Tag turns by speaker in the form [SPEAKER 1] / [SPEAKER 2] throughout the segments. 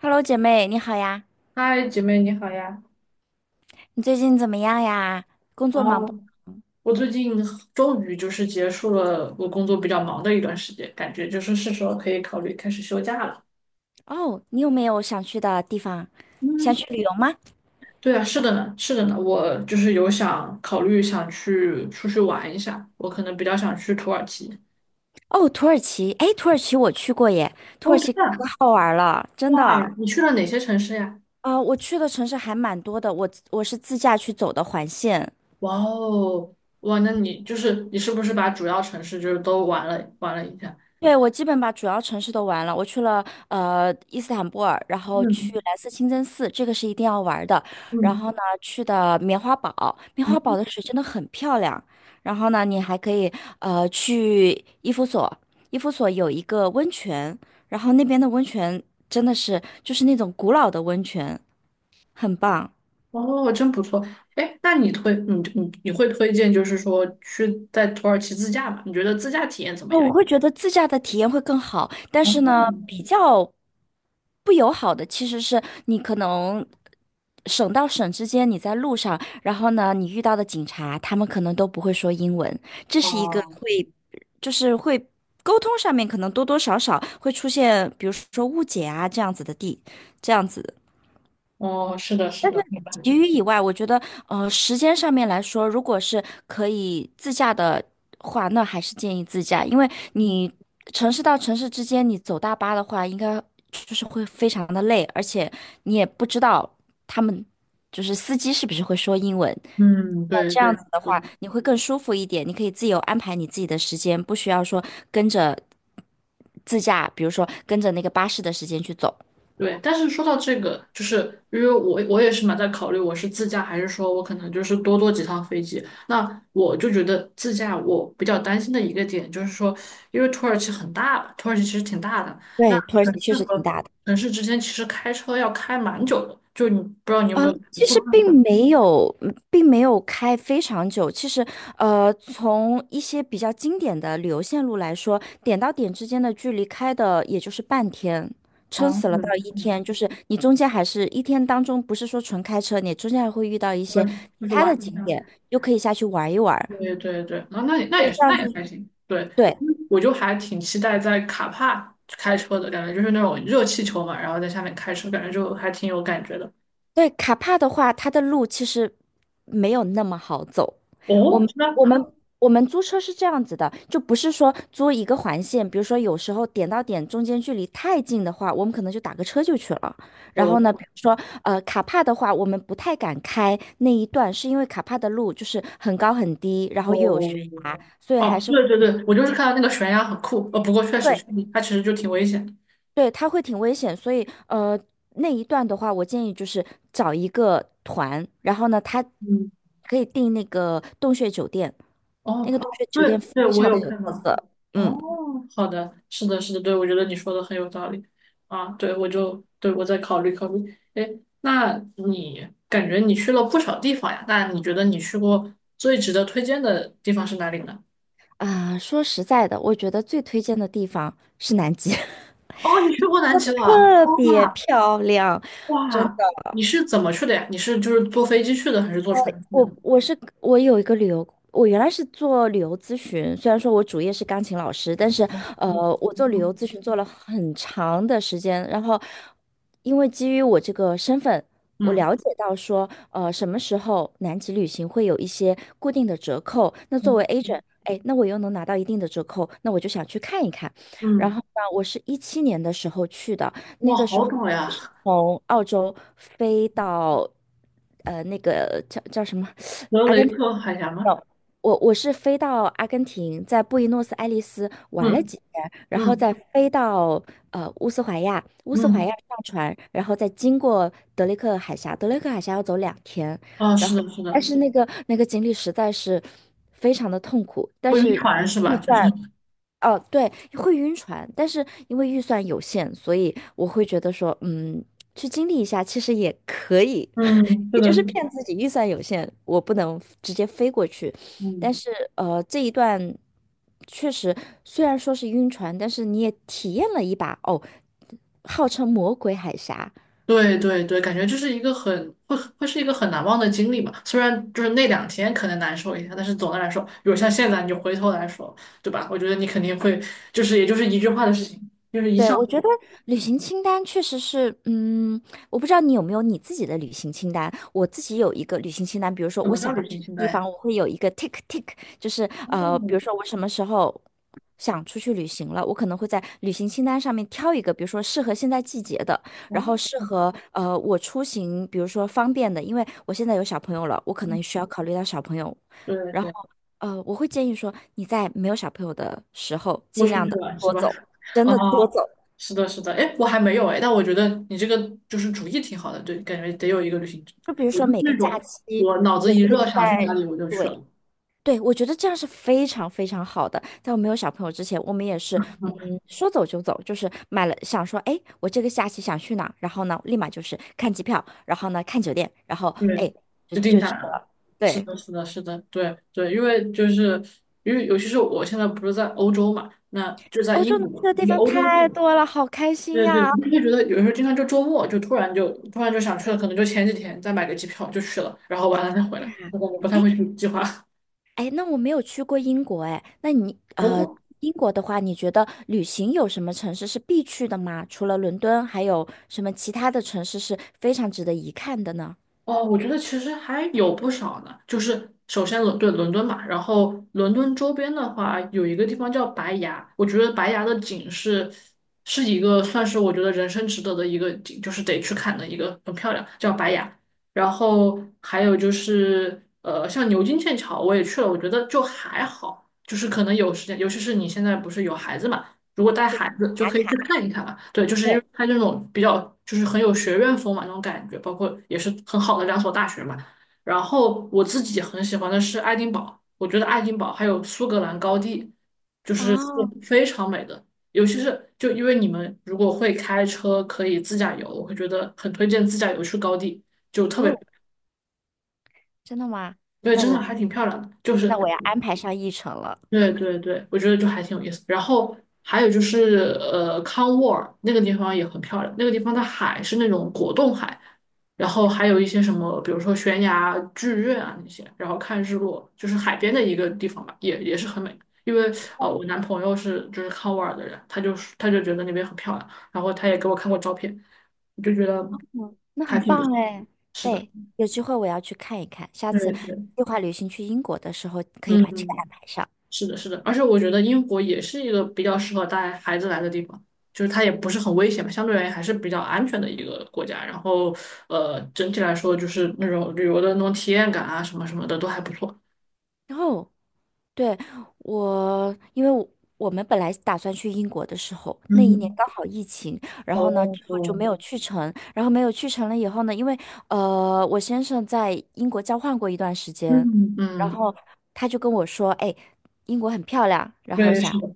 [SPEAKER 1] Hello，姐妹，你好呀！
[SPEAKER 2] 嗨，姐妹你好呀！
[SPEAKER 1] 你最近怎么样呀？工作
[SPEAKER 2] 啊，
[SPEAKER 1] 忙不忙？
[SPEAKER 2] 我最近终于结束了我工作比较忙的一段时间，感觉是时候可以考虑开始休假了。
[SPEAKER 1] 哦，你有没有想去的地方？想
[SPEAKER 2] 嗯，
[SPEAKER 1] 去旅游吗？
[SPEAKER 2] 对啊，是的呢，我就是有想考虑想去出去玩一下，我可能比较想去土耳其。
[SPEAKER 1] 哦，土耳其，哎，土耳其我去过耶，土
[SPEAKER 2] 哦，
[SPEAKER 1] 耳
[SPEAKER 2] 真
[SPEAKER 1] 其
[SPEAKER 2] 的
[SPEAKER 1] 可
[SPEAKER 2] 啊
[SPEAKER 1] 好玩了，真
[SPEAKER 2] 哇，
[SPEAKER 1] 的。
[SPEAKER 2] 你去了哪些城市呀？
[SPEAKER 1] 啊、我去的城市还蛮多的，我是自驾去走的环线。
[SPEAKER 2] 哇哦，哇，那你是不是把主要城市都玩了一下？
[SPEAKER 1] 对，我基本把主要城市都玩了，我去了伊斯坦布尔，然后去
[SPEAKER 2] 嗯
[SPEAKER 1] 蓝色清真寺，这个是一定要玩的。然
[SPEAKER 2] 嗯
[SPEAKER 1] 后呢，去的棉花堡，棉花堡
[SPEAKER 2] 嗯。
[SPEAKER 1] 的水真的很漂亮。然后呢，你还可以去伊夫所，伊夫所有一个温泉，然后那边的温泉真的是就是那种古老的温泉，很棒。
[SPEAKER 2] 哦，真不错。哎，那你会推荐，就是说去在土耳其自驾吗？你觉得自驾体验怎么
[SPEAKER 1] 哦，
[SPEAKER 2] 样？
[SPEAKER 1] 我会觉得自驾的体验会更好，但
[SPEAKER 2] 哦，
[SPEAKER 1] 是呢，比较不友好的其实是你可能省到省之间，你在路上，然后呢，你遇到的警察，他们可能都不会说英文，这是一个
[SPEAKER 2] 哦，
[SPEAKER 1] 会，就是会沟通上面可能多多少少会出现，比如说误解啊这样子的地，这样子。
[SPEAKER 2] 哦，是的，是的，明白。
[SPEAKER 1] 其余以外，我觉得，时间上面来说，如果是可以自驾的话，那还是建议自驾，因为你城市到城市之间，你走大巴的话，应该就是会非常的累，而且你也不知道他们就是司机是不是会说英文。
[SPEAKER 2] 嗯，
[SPEAKER 1] 那
[SPEAKER 2] 对
[SPEAKER 1] 这样
[SPEAKER 2] 对
[SPEAKER 1] 子的话，
[SPEAKER 2] 对。
[SPEAKER 1] 你会更舒服一点，你可以自由安排你自己的时间，不需要说跟着自驾，比如说跟着那个巴士的时间去走。
[SPEAKER 2] 对，但是说到这个，就是因为我也是蛮在考虑，我是自驾还是说我可能就是多坐几趟飞机。那我就觉得自驾我比较担心的一个点就是说，因为土耳其很大吧，土耳其其实挺大的，那
[SPEAKER 1] 对，土耳
[SPEAKER 2] 城
[SPEAKER 1] 其确
[SPEAKER 2] 市
[SPEAKER 1] 实挺
[SPEAKER 2] 和
[SPEAKER 1] 大的。
[SPEAKER 2] 城市之间其实开车要开蛮久的，就你不知道你有
[SPEAKER 1] 呃，
[SPEAKER 2] 没有会
[SPEAKER 1] 其
[SPEAKER 2] 不
[SPEAKER 1] 实
[SPEAKER 2] 会很
[SPEAKER 1] 并没
[SPEAKER 2] 累？
[SPEAKER 1] 有，并没有开非常久。其实，从一些比较经典的旅游线路来说，点到点之间的距离开的也就是半天，撑
[SPEAKER 2] 哦，
[SPEAKER 1] 死了
[SPEAKER 2] 我
[SPEAKER 1] 到
[SPEAKER 2] 就是
[SPEAKER 1] 一天。就是你中间还是一天当中，不是说纯开车，你中间还会遇到一
[SPEAKER 2] 我
[SPEAKER 1] 些
[SPEAKER 2] 就
[SPEAKER 1] 其
[SPEAKER 2] 是
[SPEAKER 1] 他的
[SPEAKER 2] 玩一
[SPEAKER 1] 景
[SPEAKER 2] 下。
[SPEAKER 1] 点，又可以下去玩一玩。
[SPEAKER 2] 对对对，啊，那也那
[SPEAKER 1] 对，
[SPEAKER 2] 也
[SPEAKER 1] 这
[SPEAKER 2] 是，
[SPEAKER 1] 样
[SPEAKER 2] 那
[SPEAKER 1] 子。
[SPEAKER 2] 也还行。对，
[SPEAKER 1] 对。
[SPEAKER 2] 我就还挺期待在卡帕开车的感觉，就是那种热气球嘛，然后在下面开车，感觉就还挺有感觉的。
[SPEAKER 1] 对，卡帕的话，它的路其实没有那么好走。我
[SPEAKER 2] 哦，
[SPEAKER 1] 们
[SPEAKER 2] 是吗？
[SPEAKER 1] 我们我们租车是这样子的，就不是说租一个环线，比如说有时候点到点中间距离太近的话，我们可能就打个车就去了。然后呢，
[SPEAKER 2] 哦
[SPEAKER 1] 比如说卡帕的话，我们不太敢开那一段，是因为卡帕的路就是很高很低，然后又有悬
[SPEAKER 2] 哦
[SPEAKER 1] 崖，所以还
[SPEAKER 2] 哦，
[SPEAKER 1] 是
[SPEAKER 2] 对对对，我就是看到那个悬崖很酷，不过确实
[SPEAKER 1] 对
[SPEAKER 2] 它其实就挺危险
[SPEAKER 1] 对，它会挺危险，所以呃，那一段的话，我建议就是找一个团，然后呢，他
[SPEAKER 2] 嗯。
[SPEAKER 1] 可以订那个洞穴酒店，
[SPEAKER 2] 哦，
[SPEAKER 1] 那个洞
[SPEAKER 2] 好，
[SPEAKER 1] 穴酒
[SPEAKER 2] 对
[SPEAKER 1] 店
[SPEAKER 2] 对，
[SPEAKER 1] 非
[SPEAKER 2] 我
[SPEAKER 1] 常
[SPEAKER 2] 有
[SPEAKER 1] 的有
[SPEAKER 2] 看
[SPEAKER 1] 特
[SPEAKER 2] 到。
[SPEAKER 1] 色。嗯。
[SPEAKER 2] 哦，好的，是的，是的，对，我觉得你说的很有道理啊。对，我就对我再考虑考虑。哎，那你感觉你去了不少地方呀？那你觉得你去过最值得推荐的地方是哪里呢？
[SPEAKER 1] 啊，说实在的，我觉得最推荐的地方是南极，
[SPEAKER 2] 哦，你去过南极了，
[SPEAKER 1] 特别
[SPEAKER 2] 哇
[SPEAKER 1] 漂亮，真。
[SPEAKER 2] 哇，你是怎么去的呀？你是就是坐飞机去的，还是坐船去的呢？
[SPEAKER 1] 我有一个旅游，我原来是做旅游咨询，虽然说我主业是钢琴老师，但是
[SPEAKER 2] 哦
[SPEAKER 1] 呃，我做旅游
[SPEAKER 2] 嗯
[SPEAKER 1] 咨询做了很长的时间，然后因为基于我这个身份，我
[SPEAKER 2] 嗯
[SPEAKER 1] 了解到说，什么时候南极旅行会有一些固定的折扣，那作为 agent，哎，那我又能拿到一定的折扣，那我就想去看一看。然后
[SPEAKER 2] 嗯，
[SPEAKER 1] 呢，我是17年的时候去的，
[SPEAKER 2] 哇，好陡呀！
[SPEAKER 1] 从澳洲飞到。那个叫什么？
[SPEAKER 2] 德雷克海峡吗？
[SPEAKER 1] 有，我是飞到阿根廷，在布宜诺斯艾利斯玩了
[SPEAKER 2] 嗯
[SPEAKER 1] 几天，然后
[SPEAKER 2] 嗯
[SPEAKER 1] 再飞到乌斯怀亚，乌斯怀亚
[SPEAKER 2] 嗯。
[SPEAKER 1] 上船，然后再经过德雷克海峡，德雷克海峡要走2天，
[SPEAKER 2] 哦，是的，是
[SPEAKER 1] 但
[SPEAKER 2] 的，
[SPEAKER 1] 是那个经历实在是非常的痛苦，但
[SPEAKER 2] 不晕
[SPEAKER 1] 是。
[SPEAKER 2] 船是
[SPEAKER 1] 遇
[SPEAKER 2] 吧？就是
[SPEAKER 1] 在哦，对，会晕船，但是因为预算有限，所以我会觉得说，去经历一下其实也可以，
[SPEAKER 2] 嗯，是
[SPEAKER 1] 也就
[SPEAKER 2] 的，是
[SPEAKER 1] 是
[SPEAKER 2] 的
[SPEAKER 1] 骗自己预算有限，我不能直接飞过去。但
[SPEAKER 2] 嗯，
[SPEAKER 1] 是这一段确实虽然说是晕船，但是你也体验了一把哦，号称魔鬼海峡。
[SPEAKER 2] 对对对，感觉这是一个很会会是一个很难忘的经历嘛。虽然就是那两天可能难受一下，但是总的来说，比如像现在你回头来说，对吧？我觉得你肯定会，就是也就是一句话的事情，就是一
[SPEAKER 1] 对，
[SPEAKER 2] 笑
[SPEAKER 1] 我
[SPEAKER 2] 而
[SPEAKER 1] 觉得
[SPEAKER 2] 过
[SPEAKER 1] 旅行清单确实是，我不知道你有没有你自己的旅行清单。我自己有一个旅行清单，比如说
[SPEAKER 2] 什
[SPEAKER 1] 我
[SPEAKER 2] 么叫
[SPEAKER 1] 想要
[SPEAKER 2] 旅行
[SPEAKER 1] 去的
[SPEAKER 2] 清
[SPEAKER 1] 地
[SPEAKER 2] 单
[SPEAKER 1] 方，
[SPEAKER 2] 呀？
[SPEAKER 1] 我会有一个 tick tick，就是比
[SPEAKER 2] 哦，
[SPEAKER 1] 如说我什么时候想出去旅行了，我可能会在旅行清单上面挑一个，比如说适合现在季节的，然
[SPEAKER 2] 哦，
[SPEAKER 1] 后适合我出行，比如说方便的，因为我现在有小朋友了，我可
[SPEAKER 2] 嗯
[SPEAKER 1] 能需要考虑到小朋友，
[SPEAKER 2] 对
[SPEAKER 1] 然后
[SPEAKER 2] 对。
[SPEAKER 1] 我会建议说你在没有小朋友的时候，
[SPEAKER 2] 豁
[SPEAKER 1] 尽
[SPEAKER 2] 出
[SPEAKER 1] 量
[SPEAKER 2] 去
[SPEAKER 1] 的
[SPEAKER 2] 玩是
[SPEAKER 1] 多
[SPEAKER 2] 吧？
[SPEAKER 1] 走，真的多
[SPEAKER 2] 啊，
[SPEAKER 1] 走。
[SPEAKER 2] 是的，是的，哎，我还没有哎，但我觉得你这个就是主意挺好的，对，感觉得有一个旅行者
[SPEAKER 1] 就比如
[SPEAKER 2] 我
[SPEAKER 1] 说
[SPEAKER 2] 就是
[SPEAKER 1] 每个
[SPEAKER 2] 那
[SPEAKER 1] 假
[SPEAKER 2] 种
[SPEAKER 1] 期，
[SPEAKER 2] 我脑子
[SPEAKER 1] 我
[SPEAKER 2] 一
[SPEAKER 1] 会
[SPEAKER 2] 热想去
[SPEAKER 1] 在，
[SPEAKER 2] 哪里我就去
[SPEAKER 1] 对
[SPEAKER 2] 了，
[SPEAKER 1] 对，我觉得这样是非常非常好的。在我没有小朋友之前，我们也是，嗯，
[SPEAKER 2] 嗯，
[SPEAKER 1] 说走就走，就是买了，想说，哎，我这个假期想去哪儿然后呢，立马就是看机票，然后呢，看酒店，然后
[SPEAKER 2] 对，
[SPEAKER 1] 哎，就
[SPEAKER 2] 就定
[SPEAKER 1] 就
[SPEAKER 2] 下
[SPEAKER 1] 去
[SPEAKER 2] 来了。
[SPEAKER 1] 了。
[SPEAKER 2] 是
[SPEAKER 1] 对，
[SPEAKER 2] 的，是的，是的，对对，因为尤其是我现在不是在欧洲嘛，那就在
[SPEAKER 1] 欧洲
[SPEAKER 2] 英
[SPEAKER 1] 能去
[SPEAKER 2] 国，
[SPEAKER 1] 的地
[SPEAKER 2] 离
[SPEAKER 1] 方
[SPEAKER 2] 欧洲近。
[SPEAKER 1] 太多了，好开心
[SPEAKER 2] 对对，我
[SPEAKER 1] 呀！
[SPEAKER 2] 就会觉得有时候经常就周末就突然就想去了，可能就前几天再买个机票就去了，然后完了再回来，我不太
[SPEAKER 1] 哎，
[SPEAKER 2] 会去计划。
[SPEAKER 1] 哎，那我没有去过英国哎，那你
[SPEAKER 2] 哦
[SPEAKER 1] 英国的话，你觉得旅行有什么城市是必去的吗？除了伦敦，还有什么其他的城市是非常值得一看的呢？
[SPEAKER 2] 哦，我觉得其实还有不少呢。就是首先伦敦嘛，然后伦敦周边的话，有一个地方叫白崖，我觉得白崖的景是一个算是我觉得人生值得的一个景，就是得去看的一个，很漂亮，叫白崖。然后还有就是像牛津、剑桥我也去了，我觉得就还好，就是可能有时间，尤其是你现在不是有孩子嘛。如果带
[SPEAKER 1] 就是
[SPEAKER 2] 孩子就
[SPEAKER 1] 打
[SPEAKER 2] 可以去
[SPEAKER 1] 卡。
[SPEAKER 2] 看一看嘛。对，就是因
[SPEAKER 1] 对。
[SPEAKER 2] 为它这种比较就是很有学院风嘛那种感觉，包括也是很好的两所大学嘛。然后我自己很喜欢的是爱丁堡，我觉得爱丁堡还有苏格兰高地，是
[SPEAKER 1] 哦。
[SPEAKER 2] 非常美的。尤其是就因为你们如果会开车，可以自驾游，我会觉得很推荐自驾游去高地，就特别
[SPEAKER 1] 哦，真的吗？
[SPEAKER 2] 对，
[SPEAKER 1] 那
[SPEAKER 2] 真的
[SPEAKER 1] 我
[SPEAKER 2] 还挺漂亮的。就
[SPEAKER 1] 那
[SPEAKER 2] 是
[SPEAKER 1] 我要安排上议程了。
[SPEAKER 2] 对对对，我觉得就还挺有意思。然后还有就是，康沃尔那个地方也很漂亮，那个地方的海是那种果冻海，然后还有一些什么，比如说悬崖剧院啊那些，然后看日落，就是海边的一个地方吧，也是很美。因为我男朋友是就是康沃尔的人，他就觉得那边很漂亮，然后他也给我看过照片，就觉得
[SPEAKER 1] 嗯，那
[SPEAKER 2] 还
[SPEAKER 1] 很
[SPEAKER 2] 挺不错。
[SPEAKER 1] 棒哎。
[SPEAKER 2] 是的，
[SPEAKER 1] 对，有机会我要去看一看，下次
[SPEAKER 2] 对对，
[SPEAKER 1] 计划旅行去英国的时候可以
[SPEAKER 2] 嗯。
[SPEAKER 1] 把这个安
[SPEAKER 2] 嗯
[SPEAKER 1] 排上。
[SPEAKER 2] 是的，是的，而且我觉得英国也是一个比较适合带孩子来的地方，就是它也不是很危险嘛，相对而言还是比较安全的一个国家。然后，整体来说就是那种旅游的那种体验感啊，什么什么的都还不错。
[SPEAKER 1] 然后。对，我，因为我我们本来打算去英国的时候，那一年
[SPEAKER 2] 嗯，
[SPEAKER 1] 刚好疫情，然后呢
[SPEAKER 2] 哦，
[SPEAKER 1] 之后就没有去成，然后没有去成了以后呢，因为我先生在英国交换过一段时间，
[SPEAKER 2] 嗯，
[SPEAKER 1] 然
[SPEAKER 2] 嗯，
[SPEAKER 1] 后他就跟我说，哎，英国很漂亮，然后
[SPEAKER 2] 对，
[SPEAKER 1] 想，
[SPEAKER 2] 是的，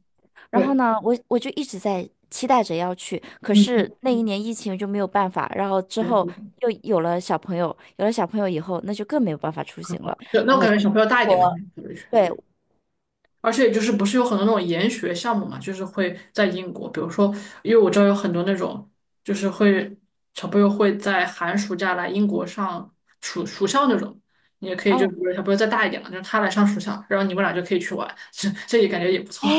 [SPEAKER 1] 然后
[SPEAKER 2] 对，
[SPEAKER 1] 呢我就一直在期待着要去，可
[SPEAKER 2] 嗯
[SPEAKER 1] 是
[SPEAKER 2] 嗯
[SPEAKER 1] 那一年疫情就没有办法，然后之
[SPEAKER 2] 对
[SPEAKER 1] 后
[SPEAKER 2] 对，
[SPEAKER 1] 又有了小朋友，有了小朋友以后，那就更没有办法出行了，
[SPEAKER 2] 对那我感觉小朋友大一点吧，
[SPEAKER 1] 我。对，
[SPEAKER 2] 而且就是不是有很多那种研学项目嘛，就是会在英国，比如说，因为我知道有很多那种，就是会小朋友会在寒暑假来英国上暑校那种，你也可以就比
[SPEAKER 1] 哦，
[SPEAKER 2] 如小朋友再大一点了，就是他来上暑校，然后你们俩就可以去玩，这也感觉也不
[SPEAKER 1] 哎，
[SPEAKER 2] 错，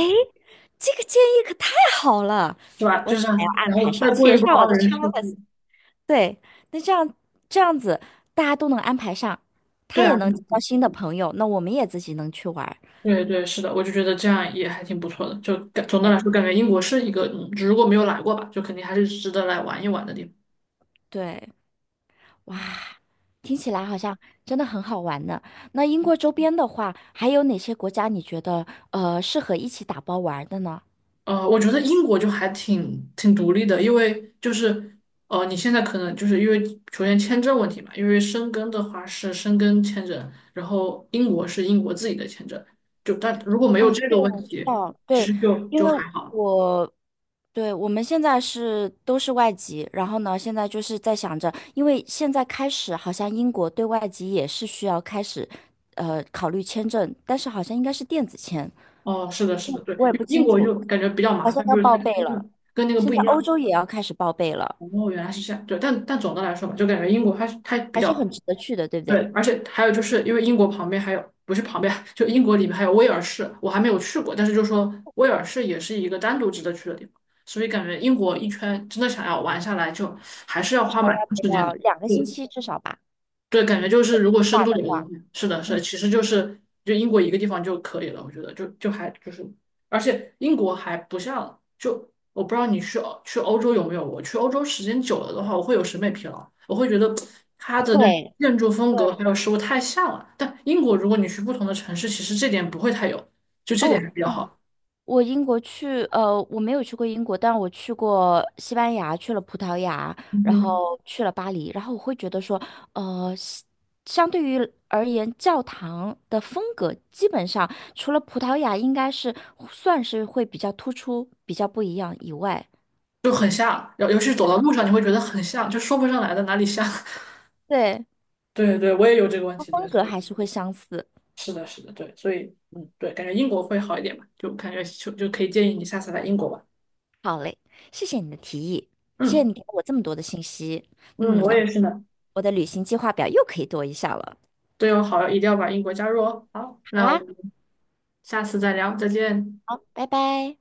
[SPEAKER 1] 这个建议可太好了，
[SPEAKER 2] 是吧？
[SPEAKER 1] 我
[SPEAKER 2] 就是
[SPEAKER 1] 还要安
[SPEAKER 2] 然
[SPEAKER 1] 排
[SPEAKER 2] 后
[SPEAKER 1] 上，
[SPEAKER 2] 再过
[SPEAKER 1] 写
[SPEAKER 2] 一过
[SPEAKER 1] 上我的
[SPEAKER 2] 二
[SPEAKER 1] c
[SPEAKER 2] 人
[SPEAKER 1] h
[SPEAKER 2] 世
[SPEAKER 1] e c k l i s
[SPEAKER 2] 纪，
[SPEAKER 1] 对，那这样子大家都能安排上，他
[SPEAKER 2] 对啊，
[SPEAKER 1] 也能交新的朋友，那我们也自己能去玩儿。
[SPEAKER 2] 对对是的，我就觉得这样也还挺不错的，就感总的
[SPEAKER 1] 对
[SPEAKER 2] 来说感觉英国是一个，嗯如果没有来过吧，就肯定还是值得来玩一玩的地方。
[SPEAKER 1] 对，哇，听起来好像真的很好玩呢。那英国周边的话，还有哪些国家你觉得适合一起打包玩儿的呢？
[SPEAKER 2] 我觉得英国就还挺挺独立的，因为就是你现在可能就是因为首先签证问题嘛，因为申根的话是申根签证，然后英国是英国自己的签证，就但如果没有
[SPEAKER 1] 哦，
[SPEAKER 2] 这
[SPEAKER 1] 对，
[SPEAKER 2] 个问
[SPEAKER 1] 我知
[SPEAKER 2] 题，
[SPEAKER 1] 道，
[SPEAKER 2] 其
[SPEAKER 1] 对，
[SPEAKER 2] 实就
[SPEAKER 1] 因
[SPEAKER 2] 就
[SPEAKER 1] 为
[SPEAKER 2] 还好。
[SPEAKER 1] 我对，我们现在是都是外籍，然后呢，现在就是在想着，因为现在开始好像英国对外籍也是需要开始，考虑签证，但是好像应该是电子签，
[SPEAKER 2] 哦，是的，是的，对，
[SPEAKER 1] 我也不
[SPEAKER 2] 因为英
[SPEAKER 1] 清
[SPEAKER 2] 国
[SPEAKER 1] 楚，
[SPEAKER 2] 就感觉比较
[SPEAKER 1] 好
[SPEAKER 2] 麻
[SPEAKER 1] 像
[SPEAKER 2] 烦，
[SPEAKER 1] 要
[SPEAKER 2] 就是
[SPEAKER 1] 报
[SPEAKER 2] 它的
[SPEAKER 1] 备
[SPEAKER 2] 签
[SPEAKER 1] 了。
[SPEAKER 2] 证跟那个
[SPEAKER 1] 现
[SPEAKER 2] 不一
[SPEAKER 1] 在欧
[SPEAKER 2] 样。
[SPEAKER 1] 洲也要开始报备了，
[SPEAKER 2] 哦，原来是这样，对，但总的来说嘛，就感觉英国它比
[SPEAKER 1] 还是很
[SPEAKER 2] 较
[SPEAKER 1] 值得去的，对不
[SPEAKER 2] 对，
[SPEAKER 1] 对？
[SPEAKER 2] 而且还有就是因为英国旁边还有，不是旁边，就英国里面还有威尔士，我还没有去过，但是就说威尔士也是一个单独值得去的地方，所以感觉英国一圈真的想要玩下来，就还是要花蛮长时间
[SPEAKER 1] 要
[SPEAKER 2] 的。
[SPEAKER 1] 两个星
[SPEAKER 2] 对
[SPEAKER 1] 期至少吧，
[SPEAKER 2] 对，感觉就是如果深
[SPEAKER 1] 话
[SPEAKER 2] 度
[SPEAKER 1] 的
[SPEAKER 2] 一点的
[SPEAKER 1] 话，
[SPEAKER 2] 话，是的，是的，
[SPEAKER 1] 嗯，
[SPEAKER 2] 其实就是就英国一个地方就可以了，我觉得就是，而且英国还不像就我不知道你去欧洲有没有，我去欧洲时间久了的话，我会有审美疲劳，我会觉得它的那种
[SPEAKER 1] 会，
[SPEAKER 2] 建筑风格
[SPEAKER 1] 对，
[SPEAKER 2] 还有食物太像了。但英国如果你去不同的城市，其实这点不会太有，就这点
[SPEAKER 1] 哦，
[SPEAKER 2] 还比较好，
[SPEAKER 1] 我英国去，我没有去过英国，但我去过西班牙，去了葡萄牙，
[SPEAKER 2] 嗯
[SPEAKER 1] 然
[SPEAKER 2] 哼
[SPEAKER 1] 后去了巴黎，然后我会觉得说，呃，西相对于而言，教堂的风格基本上除了葡萄牙应该是算是会比较突出、比较不一样以外，
[SPEAKER 2] 就很像，尤其是走到路上你会觉得很像，就说不上来的哪里像。
[SPEAKER 1] 对，
[SPEAKER 2] 对对，我也有这个问
[SPEAKER 1] 它
[SPEAKER 2] 题，对。
[SPEAKER 1] 风格
[SPEAKER 2] 所以。
[SPEAKER 1] 还是会相似。
[SPEAKER 2] 是的，是的，对，所以，嗯，对，感觉英国会好一点吧，就感觉就可以建议你下次来英国吧。
[SPEAKER 1] 好嘞，谢谢你的提议，谢谢
[SPEAKER 2] 嗯，
[SPEAKER 1] 你给了我这么多的信息，
[SPEAKER 2] 嗯，我
[SPEAKER 1] 那
[SPEAKER 2] 也
[SPEAKER 1] 我
[SPEAKER 2] 是呢。
[SPEAKER 1] 我的旅行计划表又可以多一项了。
[SPEAKER 2] 对哦，好，一定要把英国加入哦。好，
[SPEAKER 1] 好
[SPEAKER 2] 那我
[SPEAKER 1] 啊，
[SPEAKER 2] 们下次再聊，再见。
[SPEAKER 1] 好，拜拜。